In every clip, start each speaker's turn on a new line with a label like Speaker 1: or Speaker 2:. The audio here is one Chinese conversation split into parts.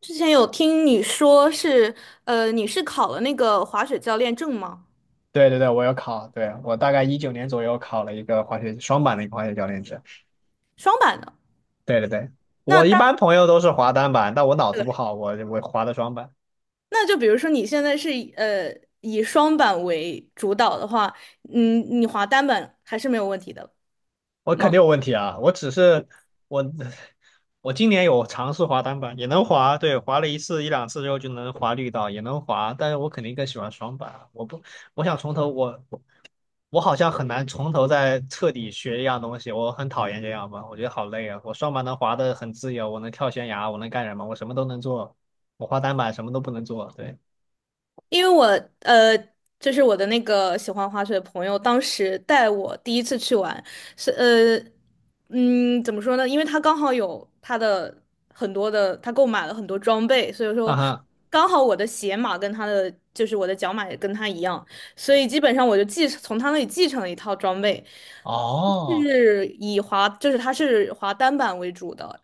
Speaker 1: 之前有听你说是，你是考了那个滑雪教练证吗？
Speaker 2: 对对对，我有考，对，我大概19年左右考了一个滑雪双板的一个滑雪教练证。
Speaker 1: 双板的。
Speaker 2: 对对对，
Speaker 1: 那
Speaker 2: 我一
Speaker 1: 单，
Speaker 2: 般朋友都是滑单板，但我脑子
Speaker 1: 对，
Speaker 2: 不好，我滑的双板，
Speaker 1: 那就比如说你现在是以以双板为主导的话，嗯，你滑单板还是没有问题的。
Speaker 2: 我肯定有问题啊。我只是我 我今年有尝试滑单板，也能滑，对，滑了一次一两次之后就能滑绿道，也能滑，但是我肯定更喜欢双板啊。我不，我想从头我我好像很难从头再彻底学一样东西，我很讨厌这样吧，我觉得好累啊。我双板能滑得很自由，我能跳悬崖，我能干什么？我什么都能做。我滑单板什么都不能做。对，
Speaker 1: 因为我呃，就是我的那个喜欢滑雪的朋友，当时带我第一次去玩，是呃，怎么说呢？因为他刚好有他的很多的，他购买了很多装备，所以说
Speaker 2: 啊哈，
Speaker 1: 刚好我的鞋码跟他的，就是我的脚码也跟他一样，所以基本上我就从他那里继承了一套装备，
Speaker 2: 哦
Speaker 1: 是以滑，就是他是滑单板为主的。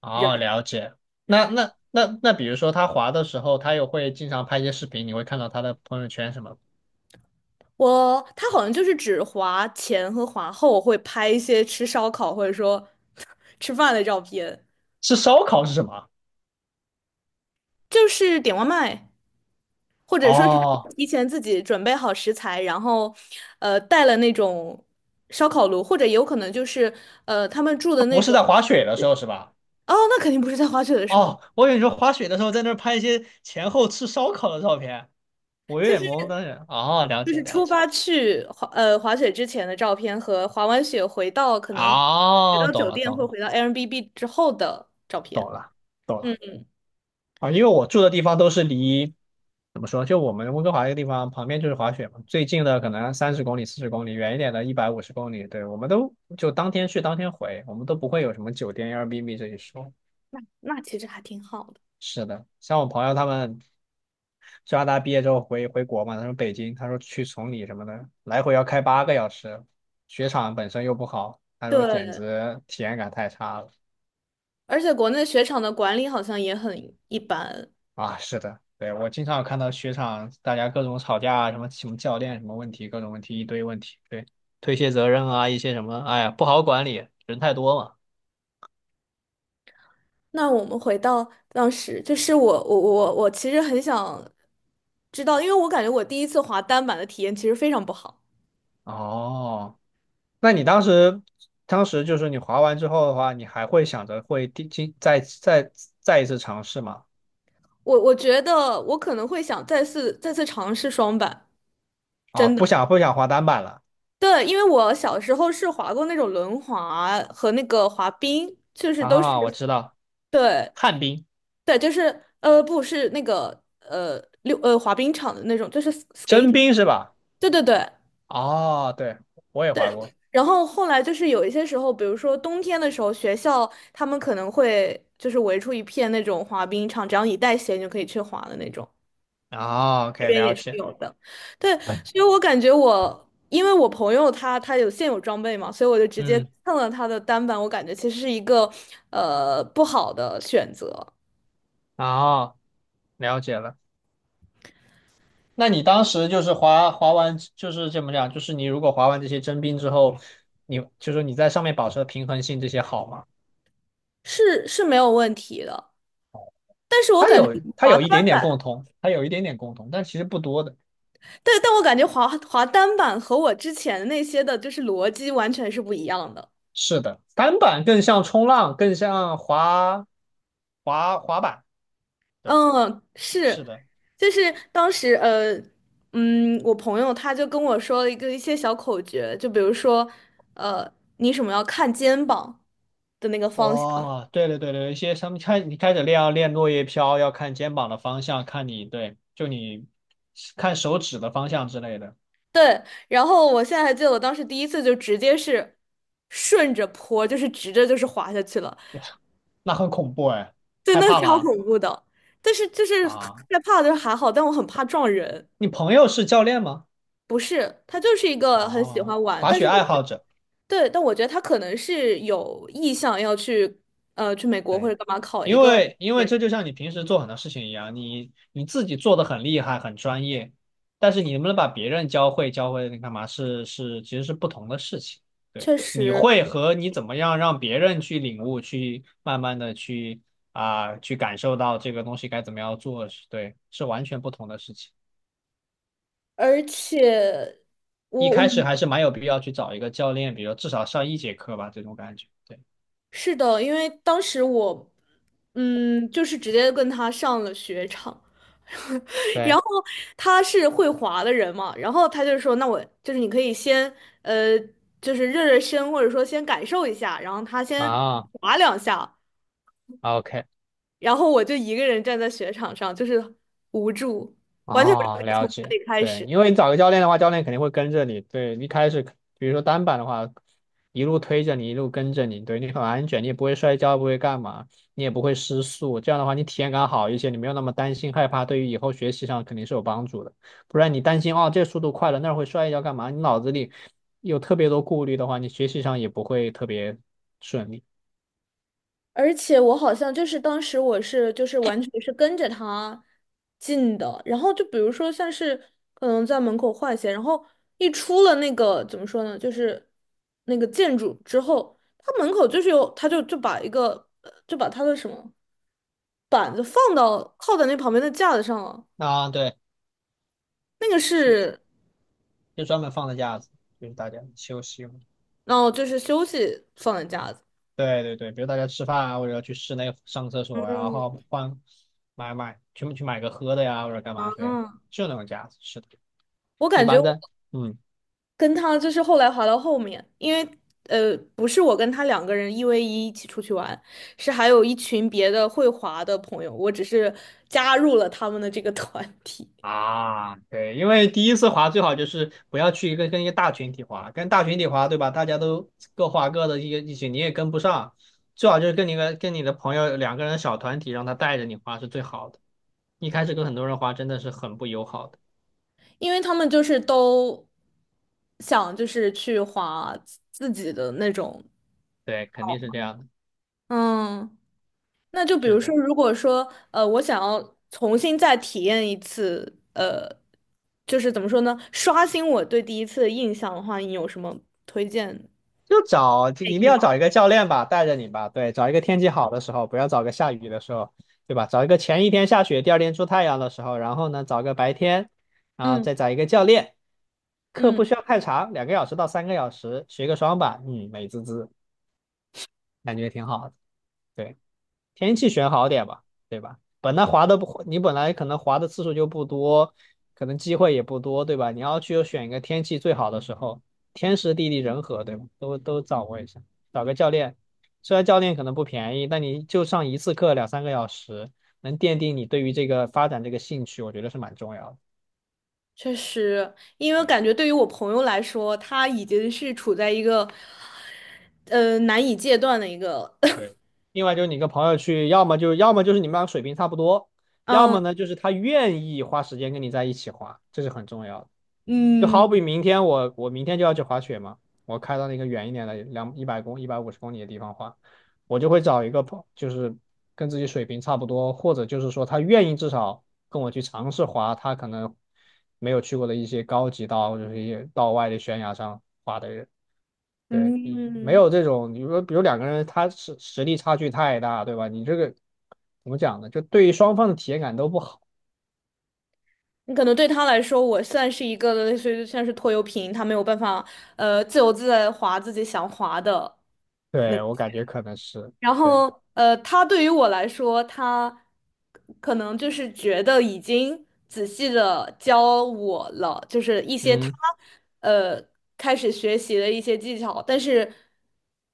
Speaker 2: 哦，了解。那，比如说他滑的时候，他又会经常拍一些视频，你会看到他的朋友圈什么？
Speaker 1: 我他好像就是只滑前和滑后会拍一些吃烧烤或者说 吃饭的照片，
Speaker 2: 是烧烤是什么？
Speaker 1: 就是点外卖，或者说是
Speaker 2: 哦，
Speaker 1: 提前自己准备好食材，然后带了那种烧烤炉，或者有可能就是他们住
Speaker 2: 他
Speaker 1: 的那
Speaker 2: 不是
Speaker 1: 种，
Speaker 2: 在滑雪的时候是吧？
Speaker 1: 哦，那肯定不是在滑雪的时候，
Speaker 2: 哦，我以为你说滑雪的时候在那儿拍一些前后吃烧烤的照片，我有点懵，当时。哦，了
Speaker 1: 就
Speaker 2: 解
Speaker 1: 是
Speaker 2: 了
Speaker 1: 出
Speaker 2: 解。
Speaker 1: 发去滑滑雪之前的照片和滑完雪回到可能回
Speaker 2: 哦，
Speaker 1: 到
Speaker 2: 懂
Speaker 1: 酒
Speaker 2: 了
Speaker 1: 店
Speaker 2: 懂
Speaker 1: 或
Speaker 2: 了，
Speaker 1: 回到 Airbnb 之后的照片。
Speaker 2: 懂了，懂了
Speaker 1: 嗯，
Speaker 2: 啊，因为我住的地方都是离，怎么说，就我们温哥华这个地方旁边就是滑雪嘛，最近的可能30公里、40公里，远一点的一百五十公里，对，我们都就当天去当天回，我们都不会有什么酒店、Airbnb 这一说。
Speaker 1: 那那其实还挺好的。
Speaker 2: 是的，像我朋友他们，加拿大毕业之后回国嘛，他说北京，他说去崇礼什么的，来回要开8个小时，雪场本身又不好，他说简
Speaker 1: 对，
Speaker 2: 直体验感太差了。
Speaker 1: 而且国内雪场的管理好像也很一般。
Speaker 2: 啊，是的，对，我经常有看到雪场大家各种吵架啊，什么什么教练什么问题，各种问题一堆问题，对，推卸责任啊，一些什么，哎呀，不好管理，人太多嘛。
Speaker 1: 那我们回到当时，就是我其实很想知道，因为我感觉我第一次滑单板的体验其实非常不好。
Speaker 2: 哦，那你当时，当时就是你滑完之后的话，你还会想着会第今再再再一次尝试吗？
Speaker 1: 我觉得我可能会想再次尝试双板，
Speaker 2: 啊，
Speaker 1: 真
Speaker 2: 不
Speaker 1: 的。
Speaker 2: 想不想滑单板了
Speaker 1: 对，因为我小时候是滑过那种轮滑和那个滑冰，就是都是
Speaker 2: 啊，我知道，
Speaker 1: 对
Speaker 2: 旱冰、
Speaker 1: 对，就是不是那个呃溜呃滑冰场的那种，就是 s k a
Speaker 2: 真
Speaker 1: t e
Speaker 2: 冰是吧？
Speaker 1: 对对对。
Speaker 2: 哦，对，我也滑过。
Speaker 1: 然后后来就是有一些时候，比如说冬天的时候，学校他们可能会就是围出一片那种滑冰场，只要你带鞋，你就可以去滑的那种。
Speaker 2: 哦
Speaker 1: 这
Speaker 2: ，OK，
Speaker 1: 边也
Speaker 2: 了
Speaker 1: 是
Speaker 2: 解，
Speaker 1: 有的，对，所以我感觉我，因为我朋友他有现有装备嘛，所以我就直接
Speaker 2: 嗯，
Speaker 1: 蹭了他的单板，我感觉其实是一个不好的选择，
Speaker 2: 哦，了解了。那你当时就是滑完，就是这么讲？就是你如果滑完这些真冰之后，你就是你在上面保持的平衡性这些好吗？
Speaker 1: 是是没有问题的。但是我
Speaker 2: 它
Speaker 1: 感觉
Speaker 2: 有它
Speaker 1: 滑，
Speaker 2: 有一点点共同，它有一点点共同，但其实不多的。
Speaker 1: 对，但我感觉滑单板和我之前那些的就是逻辑完全是不一样的。
Speaker 2: 是的，单板更像冲浪，更像滑板。对，
Speaker 1: 嗯，是，
Speaker 2: 是的。
Speaker 1: 就是当时我朋友他就跟我说了一些小口诀，就比如说，呃，你什么要看肩膀的那个方向，
Speaker 2: 哦，对对对对，一些他们开你开始练要练落叶飘，要看肩膀的方向，看你对，就你看手指的方向之类的，
Speaker 1: 对。然后我现在还记得我当时第一次就直接是顺着坡，就是直着就是滑下去了，
Speaker 2: 那很恐怖哎，
Speaker 1: 对，
Speaker 2: 害
Speaker 1: 那个
Speaker 2: 怕
Speaker 1: 超
Speaker 2: 吗？
Speaker 1: 恐怖的。但是就是害
Speaker 2: 啊，
Speaker 1: 怕就是还好，但我很怕撞人。
Speaker 2: 你朋友是教练吗？
Speaker 1: 不是，他就是一个很喜
Speaker 2: 哦，
Speaker 1: 欢玩，
Speaker 2: 滑
Speaker 1: 但是
Speaker 2: 雪
Speaker 1: 我
Speaker 2: 爱好者。
Speaker 1: 对，但我觉得他可能是有意向要去，去美国或
Speaker 2: 对，
Speaker 1: 者干嘛考一
Speaker 2: 因
Speaker 1: 个
Speaker 2: 为因为
Speaker 1: 研，
Speaker 2: 这就像你平时做很多事情一样，你自己做的很厉害、很专业，但是你能不能把别人教会你干嘛是其实是不同的事情。对，
Speaker 1: 确
Speaker 2: 你
Speaker 1: 实，
Speaker 2: 会和你怎么样让别人去领悟、去慢慢的去啊、去感受到这个东西该怎么样做，是对，是完全不同的事情。
Speaker 1: 而且
Speaker 2: 一
Speaker 1: 我我
Speaker 2: 开始
Speaker 1: 嗯
Speaker 2: 还是蛮有必要去找一个教练，比如至少上一节课吧，这种感觉。对
Speaker 1: 是的，因为当时我，嗯，就是直接跟他上了雪场，然后
Speaker 2: 对
Speaker 1: 他是会滑的人嘛，然后他就说，那我就是你可以先，呃，就是热热身，或者说先感受一下，然后他先
Speaker 2: 啊。
Speaker 1: 滑两下，
Speaker 2: OK，
Speaker 1: 然后我就一个人站在雪场上，就是无助，完全不知道
Speaker 2: 哦，
Speaker 1: 该从
Speaker 2: 了
Speaker 1: 哪
Speaker 2: 解，
Speaker 1: 里开
Speaker 2: 对，
Speaker 1: 始。
Speaker 2: 因为你找个教练的话，教练肯定会跟着你，对，一开始，比如说单板的话，一路推着你，一路跟着你，对你很安全，你也不会摔跤，不会干嘛，你也不会失速，这样的话你体验感好一些，你没有那么担心害怕，对于以后学习上肯定是有帮助的。不然你担心哦，这速度快了，那儿会摔一跤干嘛？你脑子里有特别多顾虑的话，你学习上也不会特别顺利。
Speaker 1: 而且我好像就是当时我是就是完全是跟着他进的，然后就比如说像是可能在门口换鞋，然后一出了那个怎么说呢，就是那个建筑之后，他门口就是有他把一个就把他的什么板子放到靠在那旁边的架子上了，
Speaker 2: 啊，对，
Speaker 1: 那个
Speaker 2: 是，
Speaker 1: 是
Speaker 2: 就专门放的架子，就是大家休息用。
Speaker 1: 然后就是休息放的架子。
Speaker 2: 对对对，比如大家吃饭啊，或者去室内上厕所呀、然后换买买，全部去买个喝的呀，或者干嘛？对，
Speaker 1: 嗯，
Speaker 2: 就那种架子，是的，
Speaker 1: 我
Speaker 2: 一
Speaker 1: 感觉
Speaker 2: 般
Speaker 1: 我
Speaker 2: 的，嗯。
Speaker 1: 跟他就是后来滑到后面，因为不是我跟他两个人一 v 一起出去玩，是还有一群别的会滑的朋友，我只是加入了他们的这个 团体，
Speaker 2: 啊，对，因为第一次滑最好就是不要去一个跟一个大群体滑，跟大群体滑，对吧？大家都各滑各的，一起你也跟不上，最好就是跟你的朋友两个人的小团体，让他带着你滑是最好的。一开始跟很多人滑真的是很不友好的，
Speaker 1: 因为他们就是都想就是去滑自己的那种。
Speaker 2: 对，肯定是这样的，
Speaker 1: 嗯，那就比
Speaker 2: 是
Speaker 1: 如说，
Speaker 2: 的。
Speaker 1: 如果说我想要重新再体验一次，就是怎么说呢，刷新我对第一次的印象的话，你有什么推荐？吗？
Speaker 2: 就一定要找一个教练吧，带着你吧。对，找一个天气好的时候，不要找个下雨的时候，对吧？找一个前一天下雪，第二天出太阳的时候，然后呢，找个白天，啊，
Speaker 1: 嗯
Speaker 2: 再找一个教练。课
Speaker 1: 嗯，
Speaker 2: 不需要太长，2个小时到三个小时，学个双板，嗯，美滋滋，感觉挺好的。对。天气选好点吧，对吧？本来滑的不，你本来可能滑的次数就不多，可能机会也不多，对吧？你要去选一个天气最好的时候，天时地利人和，对吧？都掌握一下，找个教练，虽然教练可能不便宜，但你就上一次课2、3个小时，能奠定你对于这个发展这个兴趣，我觉得是蛮重要的。
Speaker 1: 确实，因为
Speaker 2: 嗯，
Speaker 1: 感觉对于我朋友来说，他已经是处在一个难以戒断的一个，
Speaker 2: 对，另外就是你跟朋友去，要么就是你们俩水平差不多，要么
Speaker 1: 嗯
Speaker 2: 呢就是他愿意花时间跟你在一起滑，这是很重要的。就
Speaker 1: 嗯
Speaker 2: 好比明天我我明天就要去滑雪嘛，我开到那个远一点的两一百公一百五十公里的地方滑，我就会找一个朋，就是跟自己水平差不多，或者就是说他愿意至少跟我去尝试滑，他可能没有去过的一些高级道或者是一些道外的悬崖上滑的人。对你没
Speaker 1: 嗯，
Speaker 2: 有这种，你说比如两个人他实力差距太大，对吧？你这个怎么讲呢？就对于双方的体验感都不好。
Speaker 1: 你可能对他来说，我算是一个类似于像是拖油瓶，他没有办法自由自在地滑自己想滑的。那。
Speaker 2: 对，我感觉可能是，
Speaker 1: 然
Speaker 2: 对，
Speaker 1: 后，他对于我来说，他可能就是觉得已经仔细的教我了，就是一些他
Speaker 2: 嗯，
Speaker 1: 呃开始学习的一些技巧，但是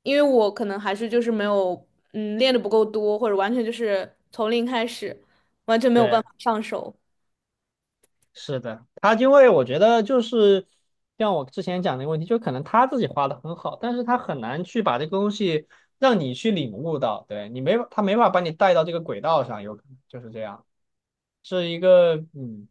Speaker 1: 因为我可能还是就是没有练的不够多，或者完全就是从零开始，完全没有办
Speaker 2: 对。
Speaker 1: 法上手。
Speaker 2: 是的，他因为我觉得就是像我之前讲的一个问题，就可能他自己画的很好，但是他很难去把这个东西让你去领悟到，对你没法他没法把你带到这个轨道上，有可能就是这样，是一个嗯，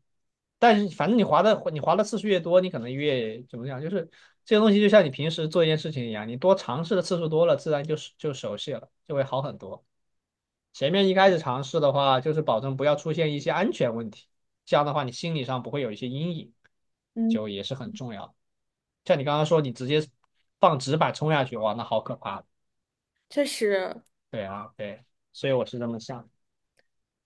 Speaker 2: 但是反正你划的次数越多，你可能越怎么讲，就是这个东西就像你平时做一件事情一样，你多尝试的次数多了，自然就熟悉了，就会好很多。前面一开始尝试的话，就是保证不要出现一些安全问题，这样的话你心理上不会有一些阴影，
Speaker 1: 嗯，
Speaker 2: 就也是很重要的。像你刚刚说，你直接放纸板冲下去，哇，那好可怕。
Speaker 1: 确实，
Speaker 2: 对啊，对，所以我是这么想的。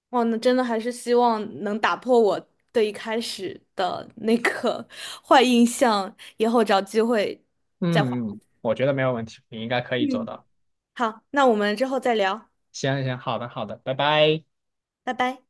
Speaker 1: 哇，那真的还是希望能打破我对一开始的那个 坏印象，以后找机会再还。
Speaker 2: 嗯嗯，我觉得没有问题，你应该可以做
Speaker 1: 嗯，
Speaker 2: 到。
Speaker 1: 好，那我们之后再聊，
Speaker 2: 行行，好的好的，拜拜。
Speaker 1: 拜拜。